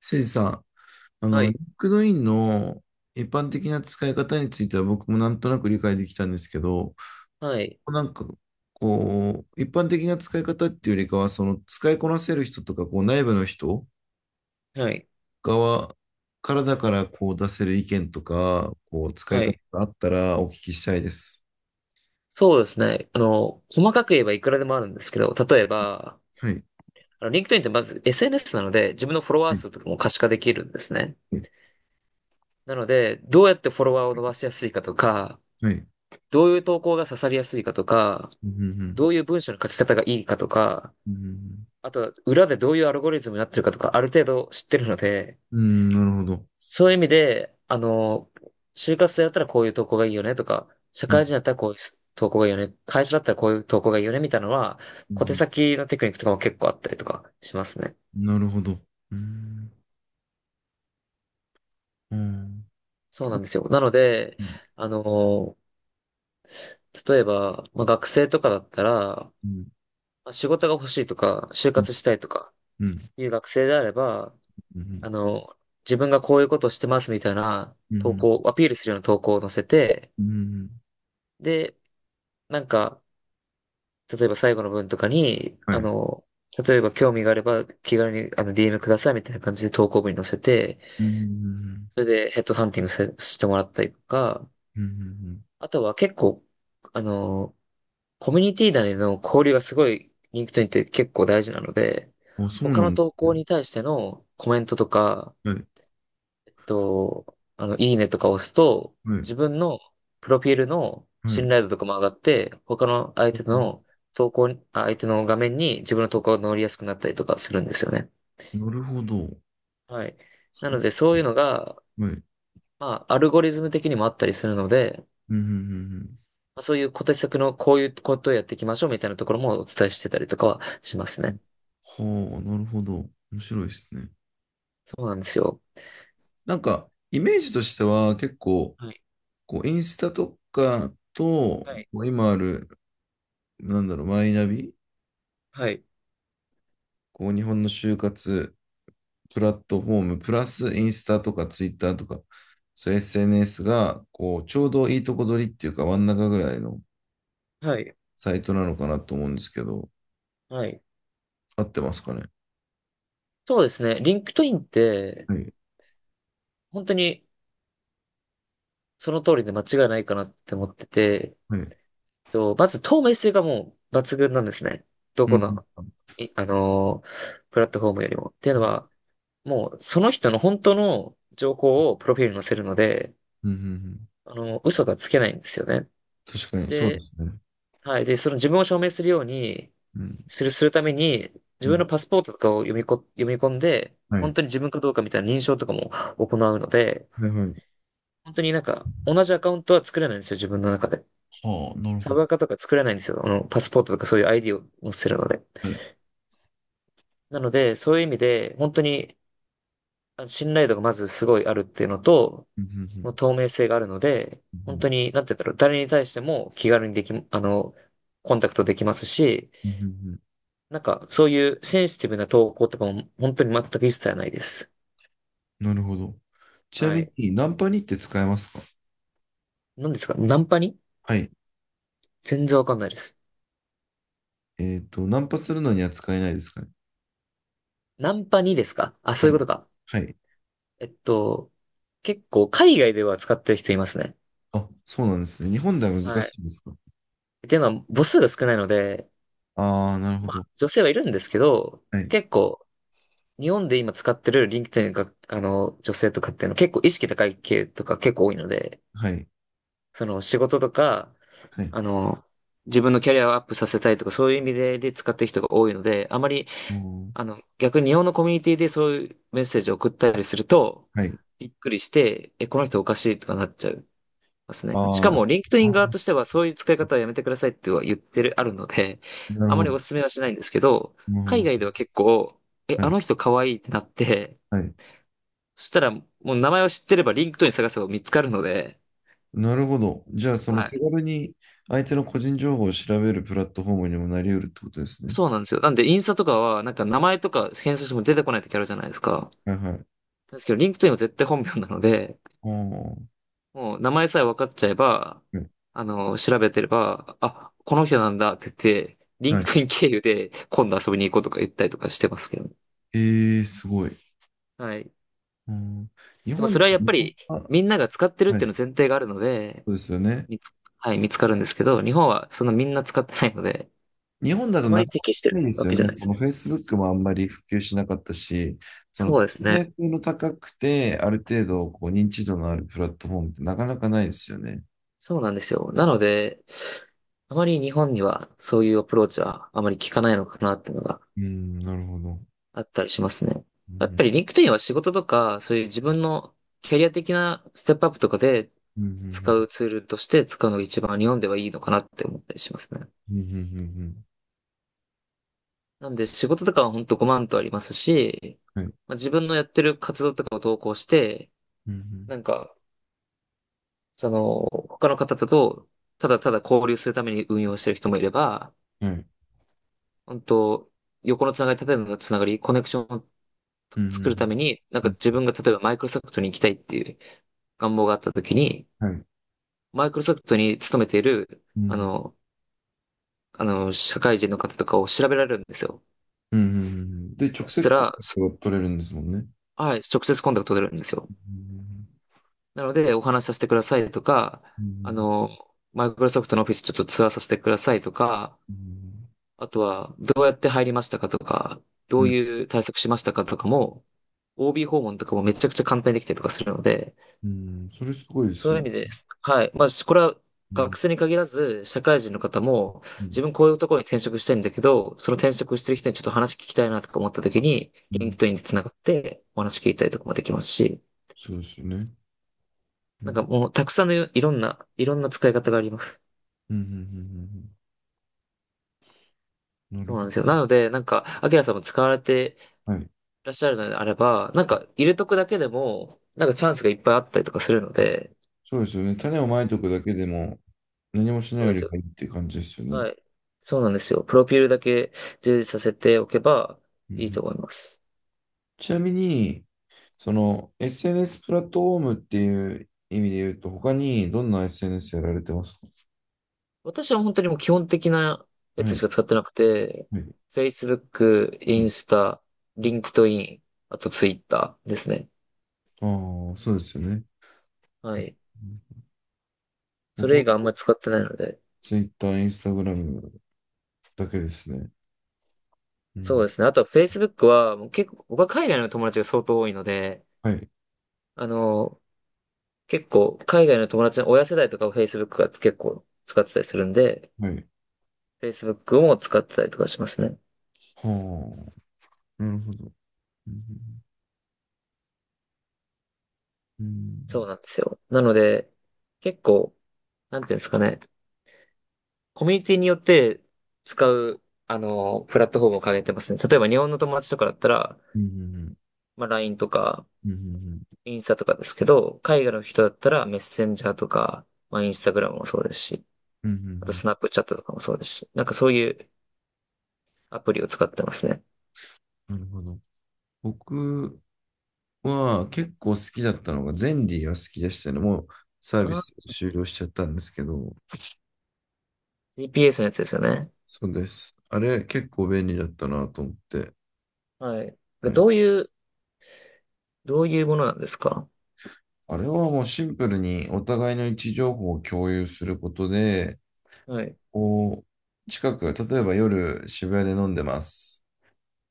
せいじさん、はい。LinkedIn の一般的な使い方については僕もなんとなく理解できたんですけど、はい。なんかこう、一般的な使い方っていうよりかは、その使いこなせる人とか、こう内部の人はい。側からだからこう出せる意見とか、こう使いは方い。があったらお聞きしたいです。そうですね。細かく言えばいくらでもあるんですけど、例えば、はい。LinkedIn ってまず SNS なので、自分のフォロワーはい。数とかも可視化できるんですね。なので、どうやってフォロワーを伸ばしやすいかとか、はい。どういう投稿が刺さりやすいかとか、うん。うん。どういう文章の書き方がいいかとか、うん、あと、裏でどういうアルゴリズムになってるかとか、ある程度知ってるので、うん、なるほど。そういう意味で、就活生だったらこういう投稿がいいよねとか、社うん。会人だったらこういう投稿がいいよね、会社だったらこういう投稿がいいよねみたいなのは、う小手ん、先のテクニックとかも結構あったりとかしますね。なるほど。うん。うん。そううなんですよ。なので、ん。あの、例えば、まあ、学生とかだったら、まうん。あ仕事が欲しいとか、就活したいとかうん、いう学生であれば、うん、あの、自分がこういうことをしてますみたいなう投ん、稿、アピールするような投稿を載せて、うん、で、なんか、例えば最後の文とかに、はい。例えば興味があれば気軽にDM くださいみたいな感じで投稿文に載せて、うん、うん、それでヘッドハンティングせしてもらったりとか、うん、あとは結構、あの、コミュニティ内での交流がすごい LinkedIn って結構大事なので、あ、そう他なのんで投すね。稿に対してのコメントとか、はい、と、あの、いいねとか押すと、はい、自分のプロフィールのは信い。頼度とかも上がって、他の相手の投稿に、相手の画面に自分の投稿が載りやすくなったりとかするんですよね。なるほど。はい。なそのれ、で、そういうのが、はい。まあ、アルゴリズム的にもあったりするので、うん、うん、うん。まあ、そういう小手先のこういうことをやっていきましょうみたいなところもお伝えしてたりとかはしますね。はあ、なるほど。面白いですね。そうなんですよ。なんか、イメージとしては結構、はい。こう、インスタとかと、こはい。う今ある、マイナビ、はい。こう、日本の就活プラットフォーム、プラスインスタとかツイッターとか、そういう SNS が、こう、ちょうどいいとこ取りっていうか、真ん中ぐらいのはい。サイトなのかなと思うんですけど、はい。合ってますかね。そうですね。リンクトインって、はい。本当にその通りで間違いないかなって思ってて、はい。まず透明性がもう抜群なんですね。どうん。この、うん。いあのープラットフォームよりも。っていうのは、もうその人の本当の情報をプロフィールに載せるので、うん、うん、嘘がつけないんですよね。確かに、そうでで、すね。はい。で、その自分を証明するように、うん。するために、自う分ん。のパスポートとかを読み込んで、は本い。当に自分かどうかみたいな認証とかも行うので、はい、はい。本当になんか、同じアカウントは作れないんですよ、自分の中で。はあ、なるサほブど。アカとか作れないんですよ。パスポートとかそういう ID を載せるので。はい。なので、そういう意味で、本当に信頼度がまずすごいあるっていうのと、うん、うん、うん、もう透明性があるので、う本ん、当に、なんて言うんだろう、誰に対しても気軽にでき、あの、コンタクトできますし、うん、うん、うん、なんか、そういうセンシティブな投稿とかも本当に全く一切ないです。なるほど。ちなはみい。に、ナンパにって使えますか？何ですか？ナンパに？はい。全然わかんないです。えっと、ナンパするのには使えないですかね。ナンパにですかあ？そはういうこい。とか。はい。えっと、結構海外では使ってる人いますね。あ、そうなんですね。日本では難はしい。いんですか？っていうのは母数が少ないので、ああー、なるほまど。あ女性はいるんですけど、はい。結構日本で今使ってるリンク k e ン i が、女性とかっていうのは結構意識高い系とか結構多いので、はい。その仕事とか、はい。あの、自分のキャリアをアップさせたいとかそういう意味で使ってる人が多いので、あまり、うん、逆に日本のコミュニティでそういうメッセージを送ったりすると、はい。びっくりして、え、この人おかしいとかなっちゃうますね。しあかー、も、リンクトインあ側ー、としては、そういう使い方はやめてくださいっては言ってる、あるので、な るあまほりど。お勧めはしないんですけど、う海ん、外では結構、え、はあい。の人可愛いってなって、はい。そしたら、もう名前を知ってれば、リンクトイン探せば見つかるので、なるほど。じゃあ、そのは手い。軽に相手の個人情報を調べるプラットフォームにもなり得るってことですね。そうなんですよ。なんで、インスタとかは、なんか名前とか検索しても出てこない時あるじゃないですか。はい、はい。なんですけど、リンクトインは絶対本名なので、あー、もう名前さえ分かっちゃえば、はい。調べてれば、あ、この人なんだって言って、リはンクい、トイン経由で今度遊びに行こうとか言ったりとかしてますけどね。えー、すごい。はい。うん、日でもそ本、れはやっぱりは、みんなが使ってるっはていい。うの前提があるので、そうですよね。はい、見つかるんですけど、日本はそのみんな使ってないので、日本だあとまなりか適してなるかないでわすよけじゃね。ないそですの ね。Facebook もあんまり普及しなかったし、そのそう透ですね。明性の高くて、ある程度こう認知度のあるプラットフォームってなかなかないですよね。そうなんですよ。なので、あまり日本にはそういうアプローチはあまり効かないのかなっていうのがうん、なるほど。あったりしますね。うやっん、ぱり LinkedIn は仕事とか、そういう自分のキャリア的なステップアップとかでうん、う使ん、うツールとして使うのが一番日本ではいいのかなって思ったりしますね。うん、うなんで仕事とかはほんとごまんとありますし、ん、うん、うん、はい。まあ、自分のやってる活動とかを投稿して、うん、なんか、その、他の方とただただ交流するために運用してる人もいれば、うん、はい。本当横のつながり、縦のつながり、コネクションをうん、う作るん、ために、なんうかん。自分が例えばマイクロソフトに行きたいっていう願望があった時に、はい。マイクロソフトに勤めている、うん、うん、社会人の方とかを調べられるんですよ。うん、うん、で、直そし接たコンら、タクトが取れるんですもんね。はい、直接コンタクト取れるんですよ。うん、なので、お話しさせてくださいとか、うあん、の、マイクロソフトのオフィスちょっとツアーさせてくださいとか、うん、あとは、どうやって入りましたかとか、うどうん、いう対策しましたかとかも、OB 訪問とかもめちゃくちゃ簡単にできたりとかするので、うん、それすごいでそすういよう意ね。味です。はい。まあ、これはう学ん、生に限らず、社会人の方も、うん、自分こういうところに転職したいんだけど、その転職してる人にちょっと話聞きたいなとか思った時に、うリンクん、トインで繋がってお話聞いたりとかもできますし、そうですよね。うなんかん、もうたくさんのいろんな、いろんな使い方があります。うん、うん、うん、うん、うん。なるそうなほんですよ。ど。なので、なんか、アキラさんも使われてはい。いらっしゃるのであれば、なんか、入れとくだけでも、なんかチャンスがいっぱいあったりとかするので、そうですよね。種をまいておくだけでも何もしなそいうでよすりよ。もいいっていう感じですよね。はい。そうなんですよ。プロフィールだけ充実させておけばうん、ういいとん、思います。ちなみに、その SNS プラットフォームっていう意味で言うと、他にどんな SNS やられてますか？私は本当にもう基本的なやはつしい。か使ってなくて、はい。Facebook、イはい、ンスタ、LinkedIn、あと Twitter ですね。ああ、そうですよね。はうい。ん、そ僕れ以外あんは まり使ってないので。Twitter、Instagram だけですね。うそうん。ですね。あとは Facebook は、もう結構、僕は海外の友達が相当多いので、はい。あの、結構、海外の友達の親世代とかを Facebook が結構使ってたりするんで、はい。Facebook も使ってたりとかしますね。はあ、なるほど。うそん、うなんですよ。なので、結構、なんていうんですかね、コミュニティによって使う、プラットフォームを変えてますね。例えば日本の友達とかだったら、うん、まあ LINE とか、うん、うん、うん、インスタとかですけど、海外の人だったらメッセンジャーとか、まあインスタグラムもそうですし、うん、うん、うん、うん、うあとん、スナップチャットとかもそうですし、なんかそういうアプリを使ってますね。なるほど。僕は結構好きだったのが、ゼンリーは好きでしたね。もうサあービー、ス終了しちゃったんですけど、GPS のやつですよね。そうです。あれ結構便利だったなと思って、はい。これはい。どういうものなんですか？あれはもうシンプルにお互いの位置情報を共有することで、はい。こう、近く、例えば夜渋谷で飲んでます。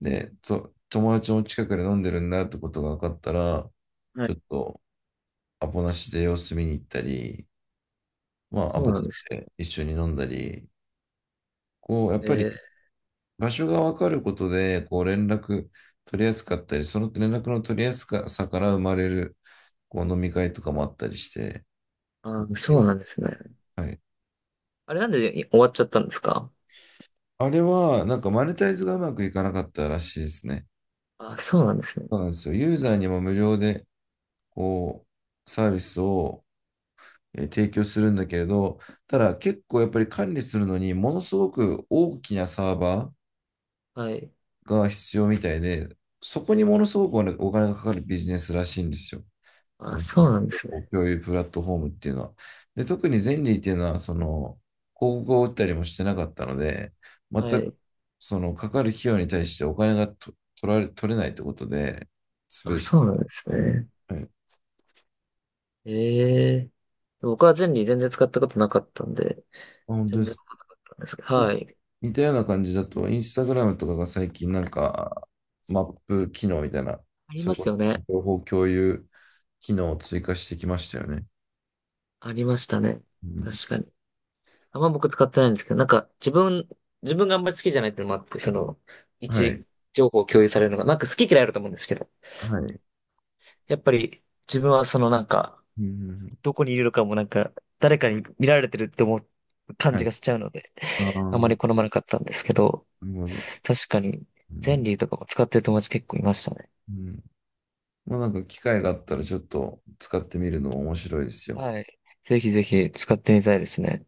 で、と、友達も近くで飲んでるんだってことが分かったら、はちい。ょっとアポなしで様子見に行ったり、まあ、アそポうなん取っですて一緒に飲んだり、こう、やっね。えぱりー、場所が分かることで、こう連絡取りやすかったり、その連絡の取りやすさから生まれる、こう飲み会とかもあったりして、あー、そうなんですね。はい。あれなんで終わっちゃったんですか？あれは、なんかマネタイズがうまくいかなかったらしいですね。あ、そうなんですね。そうなんですよ。ユーザーにも無料で、こう、サービスを提供するんだけれど、ただ結構やっぱり管理するのに、ものすごく大きなサーバはい。ーが必要みたいで、そこにものすごくお金がかかるビジネスらしいんですよ。そあ、のそうなんですね。共有プラットフォームっていうのは。で、特にゼンリーっていうのは、その、広告を打ったりもしてなかったので、全はく、い。その、かかる費用に対してお金がと、取れないってことで、すあ、べてそうなんですに、ね。はい。あ、ええ。僕は全然使ったことなかったんで、本当全で然す。わかんなかったんですけど。うん、はい。似たような感じだと、インスタグラムとかが最近なんか、マップ機能みたいな、ありそまれこすそよね。情報共有機能を追加してきましたよね。ありましたね。うん、確かに。あんま僕使ってないんですけど、なんか自分があんまり好きじゃないっていうのもあって、その、位はい。置情報を共有されるのが、なんか好き嫌いあると思うんですけど、はい。やっぱり自分はそのなんか、うん、どこにいるのかもなんか、誰かに見られてるって思う感はい。じがしちゃうので、ああ、あまなり好まなかったんですけど、るほど。確かに、うゼンん。リーとかも使ってる友達結構いましたね。うん、まあなんか機会があったらちょっと使ってみるのも面白いですよ。はい。ぜひぜひ使ってみたいですね。